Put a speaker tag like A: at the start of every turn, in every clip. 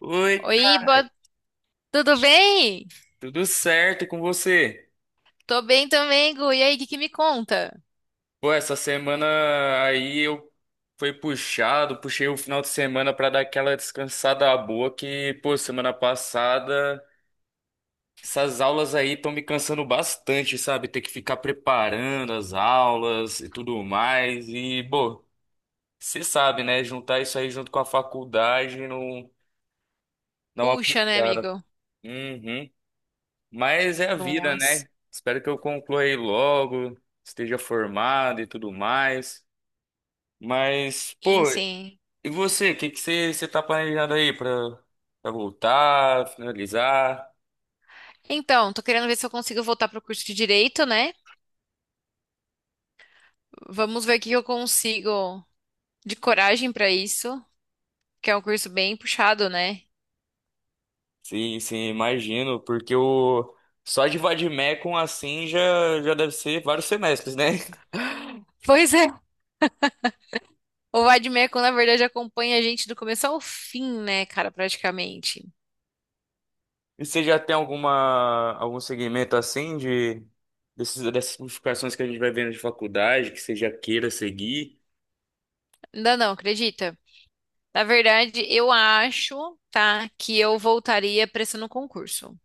A: Oi,
B: Oi,
A: tá
B: boa... tudo bem?
A: tudo certo com você?
B: Tô bem também, Gu. E aí, o que que me conta?
A: Pô, essa semana aí eu fui puxado, puxei o final de semana pra dar aquela descansada boa que, pô, semana passada essas aulas aí estão me cansando bastante, sabe? Ter que ficar preparando as aulas e tudo mais e, pô, você sabe, né? Juntar isso aí junto com a faculdade não dá uma
B: Puxa, né,
A: puxada.
B: amigo?
A: Uhum. Mas é a vida,
B: Nossa.
A: né? Espero que eu conclua aí logo, esteja formado e tudo mais. Mas,
B: Sim,
A: pô,
B: sim.
A: e você? O que que você tá planejando aí pra, pra voltar, finalizar?
B: Então, tô querendo ver se eu consigo voltar pro curso de Direito, né? Vamos ver o que que eu consigo de coragem pra isso, que é um curso bem puxado, né?
A: Sim, sim, imagino, porque o só de vademecum assim já, já deve ser vários semestres, né?
B: Pois é. O Vademecum, na verdade, acompanha a gente do começo ao fim, né, cara, praticamente.
A: E você já tem algum segmento assim de dessas modificações que a gente vai vendo de faculdade que você já queira seguir?
B: Ainda não, acredita? Na verdade, eu acho, tá, que eu voltaria prestando concurso.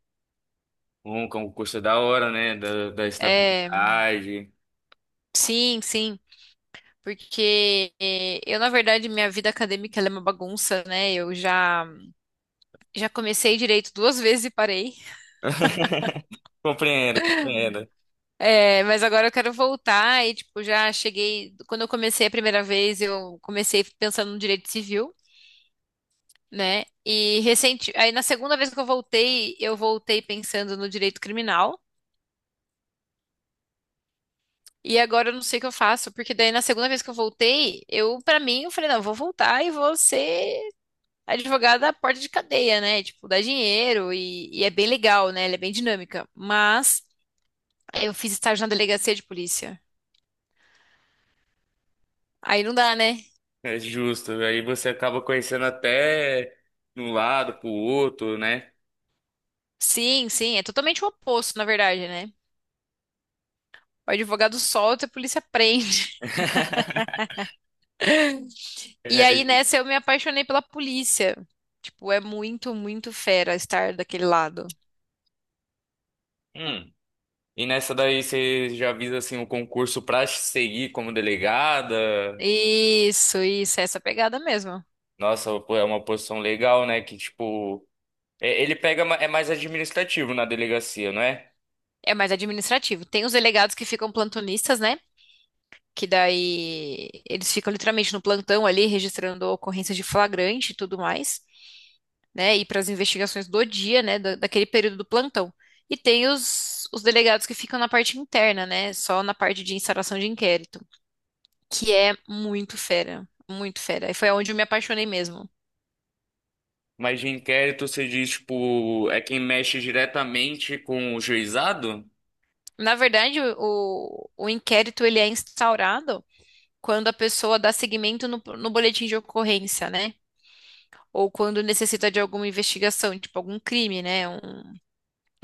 A: Um concurso da hora, né? Da
B: É,
A: estabilidade.
B: sim, sim. Porque eu, na verdade, minha vida acadêmica ela é uma bagunça, né? Já comecei direito duas vezes e parei.
A: Compreendo, compreendo.
B: É, mas agora eu quero voltar e, tipo, já cheguei. Quando eu comecei a primeira vez, eu comecei pensando no direito civil, né? E recente. Aí, na segunda vez que eu voltei pensando no direito criminal. E agora eu não sei o que eu faço, porque daí na segunda vez que eu voltei, eu, pra mim, eu falei, não, eu vou voltar e vou ser advogada da porta de cadeia, né? Tipo, dá dinheiro e é bem legal, né? Ela é bem dinâmica. Mas eu fiz estágio na delegacia de polícia. Aí não dá, né?
A: É justo. Aí você acaba conhecendo até de um lado pro outro, né?
B: Sim, sim, é totalmente o oposto, na verdade, né? O advogado solta e a polícia prende. E
A: É
B: aí
A: isso.
B: nessa eu me apaixonei pela polícia. Tipo, é muito, muito fera estar daquele lado.
A: Hum. E nessa daí você já visa assim um concurso pra seguir como delegada?
B: Isso, é essa pegada mesmo.
A: Nossa, pô, é uma posição legal, né? Que tipo, é- ele pega ma- é mais administrativo na delegacia, não é?
B: É mais administrativo. Tem os delegados que ficam plantonistas, né? Que daí eles ficam literalmente no plantão ali, registrando ocorrências de flagrante e tudo mais, né? E para as investigações do dia, né? Daquele período do plantão. E tem os delegados que ficam na parte interna, né? Só na parte de instauração de inquérito, que é muito fera, muito fera. E foi onde eu me apaixonei mesmo.
A: Mas de inquérito você diz, tipo, é quem mexe diretamente com o juizado?
B: Na verdade, o inquérito ele é instaurado quando a pessoa dá seguimento no boletim de ocorrência, né? Ou quando necessita de alguma investigação, tipo algum crime, né?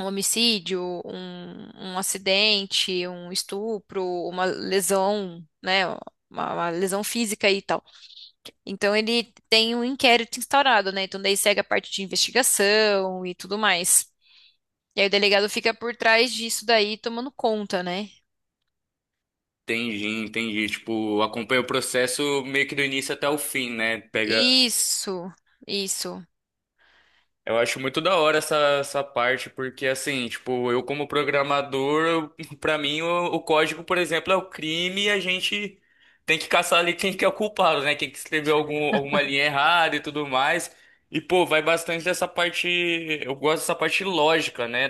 B: Um homicídio, um acidente, um estupro, uma lesão, né? Uma lesão física e tal. Então ele tem um inquérito instaurado, né? Então daí segue a parte de investigação e tudo mais. E aí o delegado fica por trás disso daí, tomando conta, né?
A: Entendi, entendi. Tipo, acompanha o processo meio que do início até o fim, né? Pega.
B: Isso, isso.
A: Eu acho muito da hora essa, essa parte, porque assim, tipo, eu como programador, eu- pra mim o código, por exemplo, é o crime e a gente tem que caçar ali quem que é o culpado, né? Quem que escreveu algum, alguma linha errada e tudo mais. E, pô, vai bastante dessa parte. Eu gosto dessa parte lógica, né?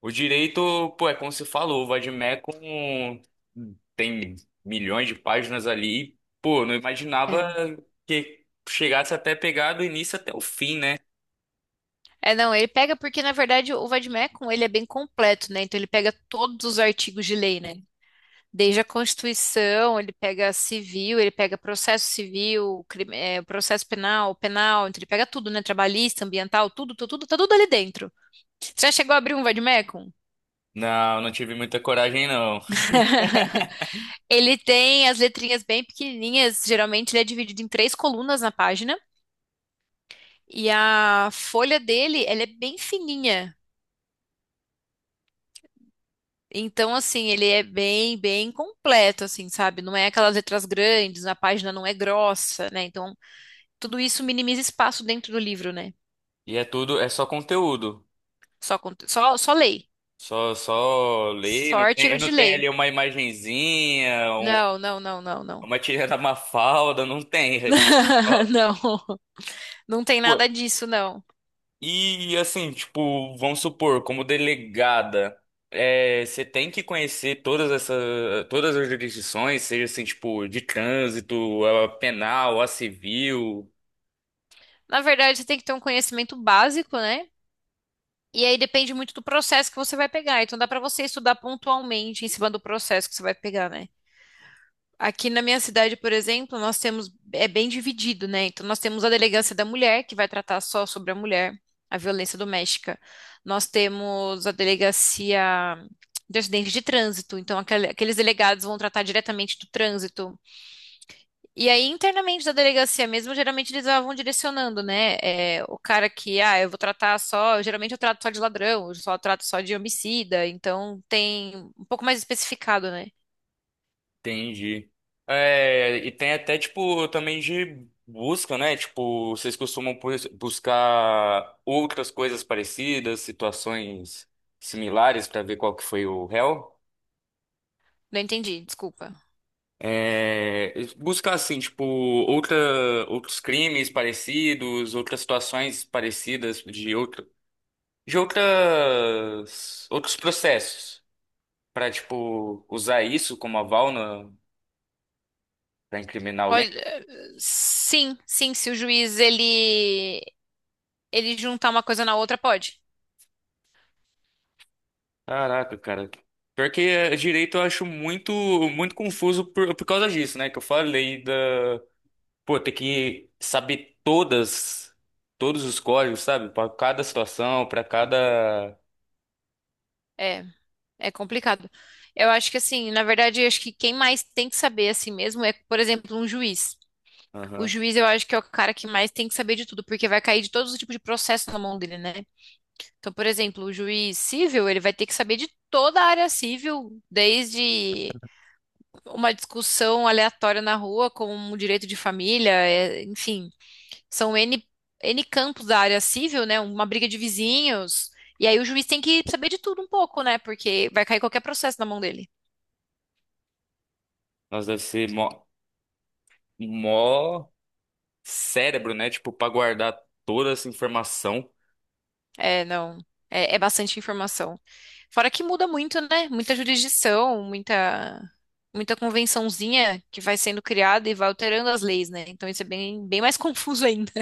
A: O direito, pô, é como você falou, o Vadmec com tem milhões de páginas ali. E, pô, não imaginava
B: É.
A: que chegasse até pegar do início até o fim, né?
B: É, não, ele pega porque, na verdade, o Vademécum, ele é bem completo, né? Então ele pega todos os artigos de lei, né? Desde a Constituição, ele pega civil, ele pega processo civil, processo penal, penal, então ele pega tudo, né? Trabalhista, ambiental, tudo, tudo, tudo, tá tudo ali dentro. Você já chegou a abrir um vademecum?
A: Não, não tive muita coragem, não.
B: Ele tem as letrinhas bem pequenininhas, geralmente ele é dividido em três colunas na página, e a folha dele, ela é bem fininha. Então, assim, ele é bem, bem completo, assim, sabe? Não é aquelas letras grandes, a página não é grossa, né? Então, tudo isso minimiza espaço dentro do livro, né?
A: E é tudo, é só conteúdo.
B: Só, só lei.
A: Só, só ler,
B: Só
A: não tem,
B: artigo
A: não
B: de
A: tem
B: lei.
A: ali uma imagenzinha, um-
B: Não, não, não, não, não.
A: uma tirinha da Mafalda, não tem. Ó,
B: Não, não tem nada
A: pô,
B: disso, não.
A: e assim, tipo, vamos supor, como delegada, é, você tem que conhecer todas essa, todas as jurisdições, seja assim, tipo, de trânsito, a penal, a civil,
B: Na verdade, você tem que ter um conhecimento básico, né? E aí depende muito do processo que você vai pegar. Então dá pra você estudar pontualmente em cima do processo que você vai pegar, né? Aqui na minha cidade, por exemplo, nós temos, é bem dividido, né? Então, nós temos a delegacia da mulher, que vai tratar só sobre a mulher, a violência doméstica. Nós temos a delegacia de acidente de trânsito, então aqueles delegados vão tratar diretamente do trânsito. E aí, internamente da delegacia mesmo, geralmente eles vão direcionando, né? É, o cara que, ah, eu vou tratar só, geralmente eu trato só de ladrão, eu só trato só de homicida, então tem um pouco mais especificado, né?
A: entendi. É, e tem até, tipo, também de busca, né? Tipo, vocês costumam bu- buscar outras coisas parecidas, situações similares para ver qual que foi o réu?
B: Não entendi, desculpa.
A: É, buscar assim, tipo, outra, outros crimes parecidos, outras situações parecidas de outra, outros processos pra, tipo, usar isso como aval na- pra incriminar alguém.
B: Pode, sim, sim, se o juiz ele juntar uma coisa na outra, pode.
A: Caraca, cara. Pior que é, direito eu acho muito confuso por causa disso, né? Que eu falei da, pô, ter que saber todas todos os códigos, sabe? Pra cada situação, pra cada
B: É, é complicado. Eu acho que assim, na verdade, eu acho que quem mais tem que saber assim mesmo é, por exemplo, um juiz. O
A: Aham.
B: juiz eu acho que é o cara que mais tem que saber de tudo, porque vai cair de todos os tipos de processo na mão dele, né? Então, por exemplo, o juiz civil, ele vai ter que saber de toda a área civil, desde uma discussão aleatória na rua, como um direito de família, é, enfim. São N campos da área civil, né? Uma briga de vizinhos. E aí o juiz tem que saber de tudo um pouco, né? Porque vai cair qualquer processo na mão dele.
A: Nós deve ser mó cérebro, né? Tipo, pra guardar toda essa informação.
B: É, não. É, é bastante informação. Fora que muda muito, né? Muita jurisdição, muita convençãozinha que vai sendo criada e vai alterando as leis, né? Então isso é bem, bem mais confuso ainda.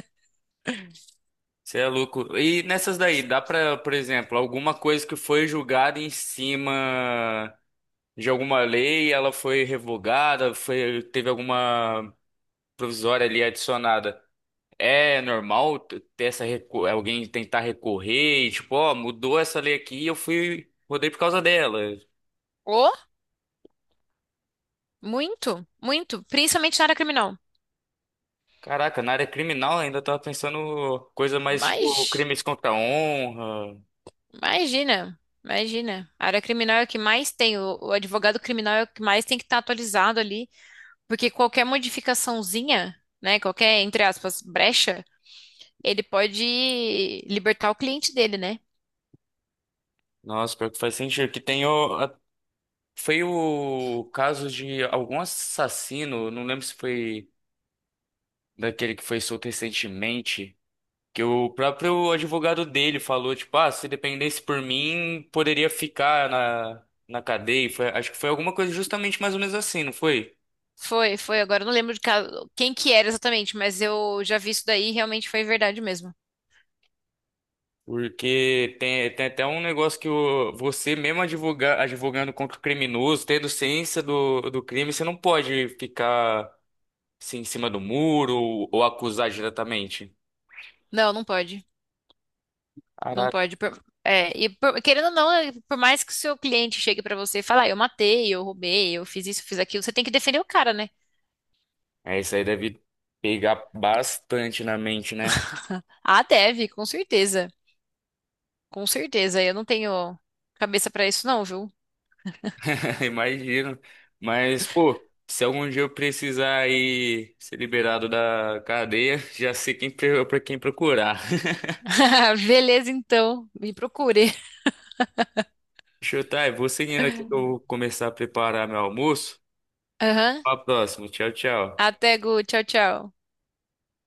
A: Você é louco. E nessas daí, dá pra, por exemplo, alguma coisa que foi julgada em cima de alguma lei, ela foi revogada, foi, teve alguma provisória ali adicionada. É normal t- ter essa recu- alguém tentar recorrer e tipo, ó, mudou essa lei aqui e eu fui, mudei por causa dela.
B: Oh, muito, muito. Principalmente na área criminal.
A: Caraca, na área criminal ainda tava pensando coisa mais tipo
B: Mas.
A: crimes contra a honra.
B: Imagina, imagina. A área criminal é o que mais tem, o advogado criminal é o que mais tem que estar atualizado ali, porque qualquer modificaçãozinha, né, qualquer, entre aspas, brecha, ele pode libertar o cliente dele, né?
A: Nossa, pior que faz sentido. Que tem o. A- foi o caso de algum assassino, não lembro se foi daquele que foi solto recentemente, que o próprio advogado dele falou, tipo, ah, se dependesse por mim, poderia ficar na, na cadeia. E foi, acho que foi alguma coisa justamente mais ou menos assim, não foi?
B: Foi, foi, agora eu não lembro quem que era exatamente, mas eu já vi isso daí e realmente foi verdade mesmo.
A: Porque tem, tem até um negócio que o, você mesmo advoga, advogando contra o criminoso, tendo ciência do crime, você não pode ficar se em cima do muro ou acusar diretamente.
B: Não, não pode, não
A: Caraca,
B: pode. É, querendo ou não, é, por mais que o seu cliente chegue pra você e fale, ah, eu matei, eu roubei, eu fiz isso, fiz aquilo, você tem que defender o cara, né?
A: é, isso aí deve pegar bastante na mente, né?
B: Ah, deve, com certeza. Com certeza, eu não tenho cabeça pra isso não, viu?
A: Imagino. Mas, pô, se algum dia eu precisar ir ser liberado da cadeia, já sei quem para quem procurar.
B: Beleza, então, me procure.
A: Deixa eu tá, eu vou seguindo aqui que eu vou começar a preparar meu almoço.
B: Aham.
A: Até a próxima. Tchau, tchau.
B: Até, Gu, tchau, tchau.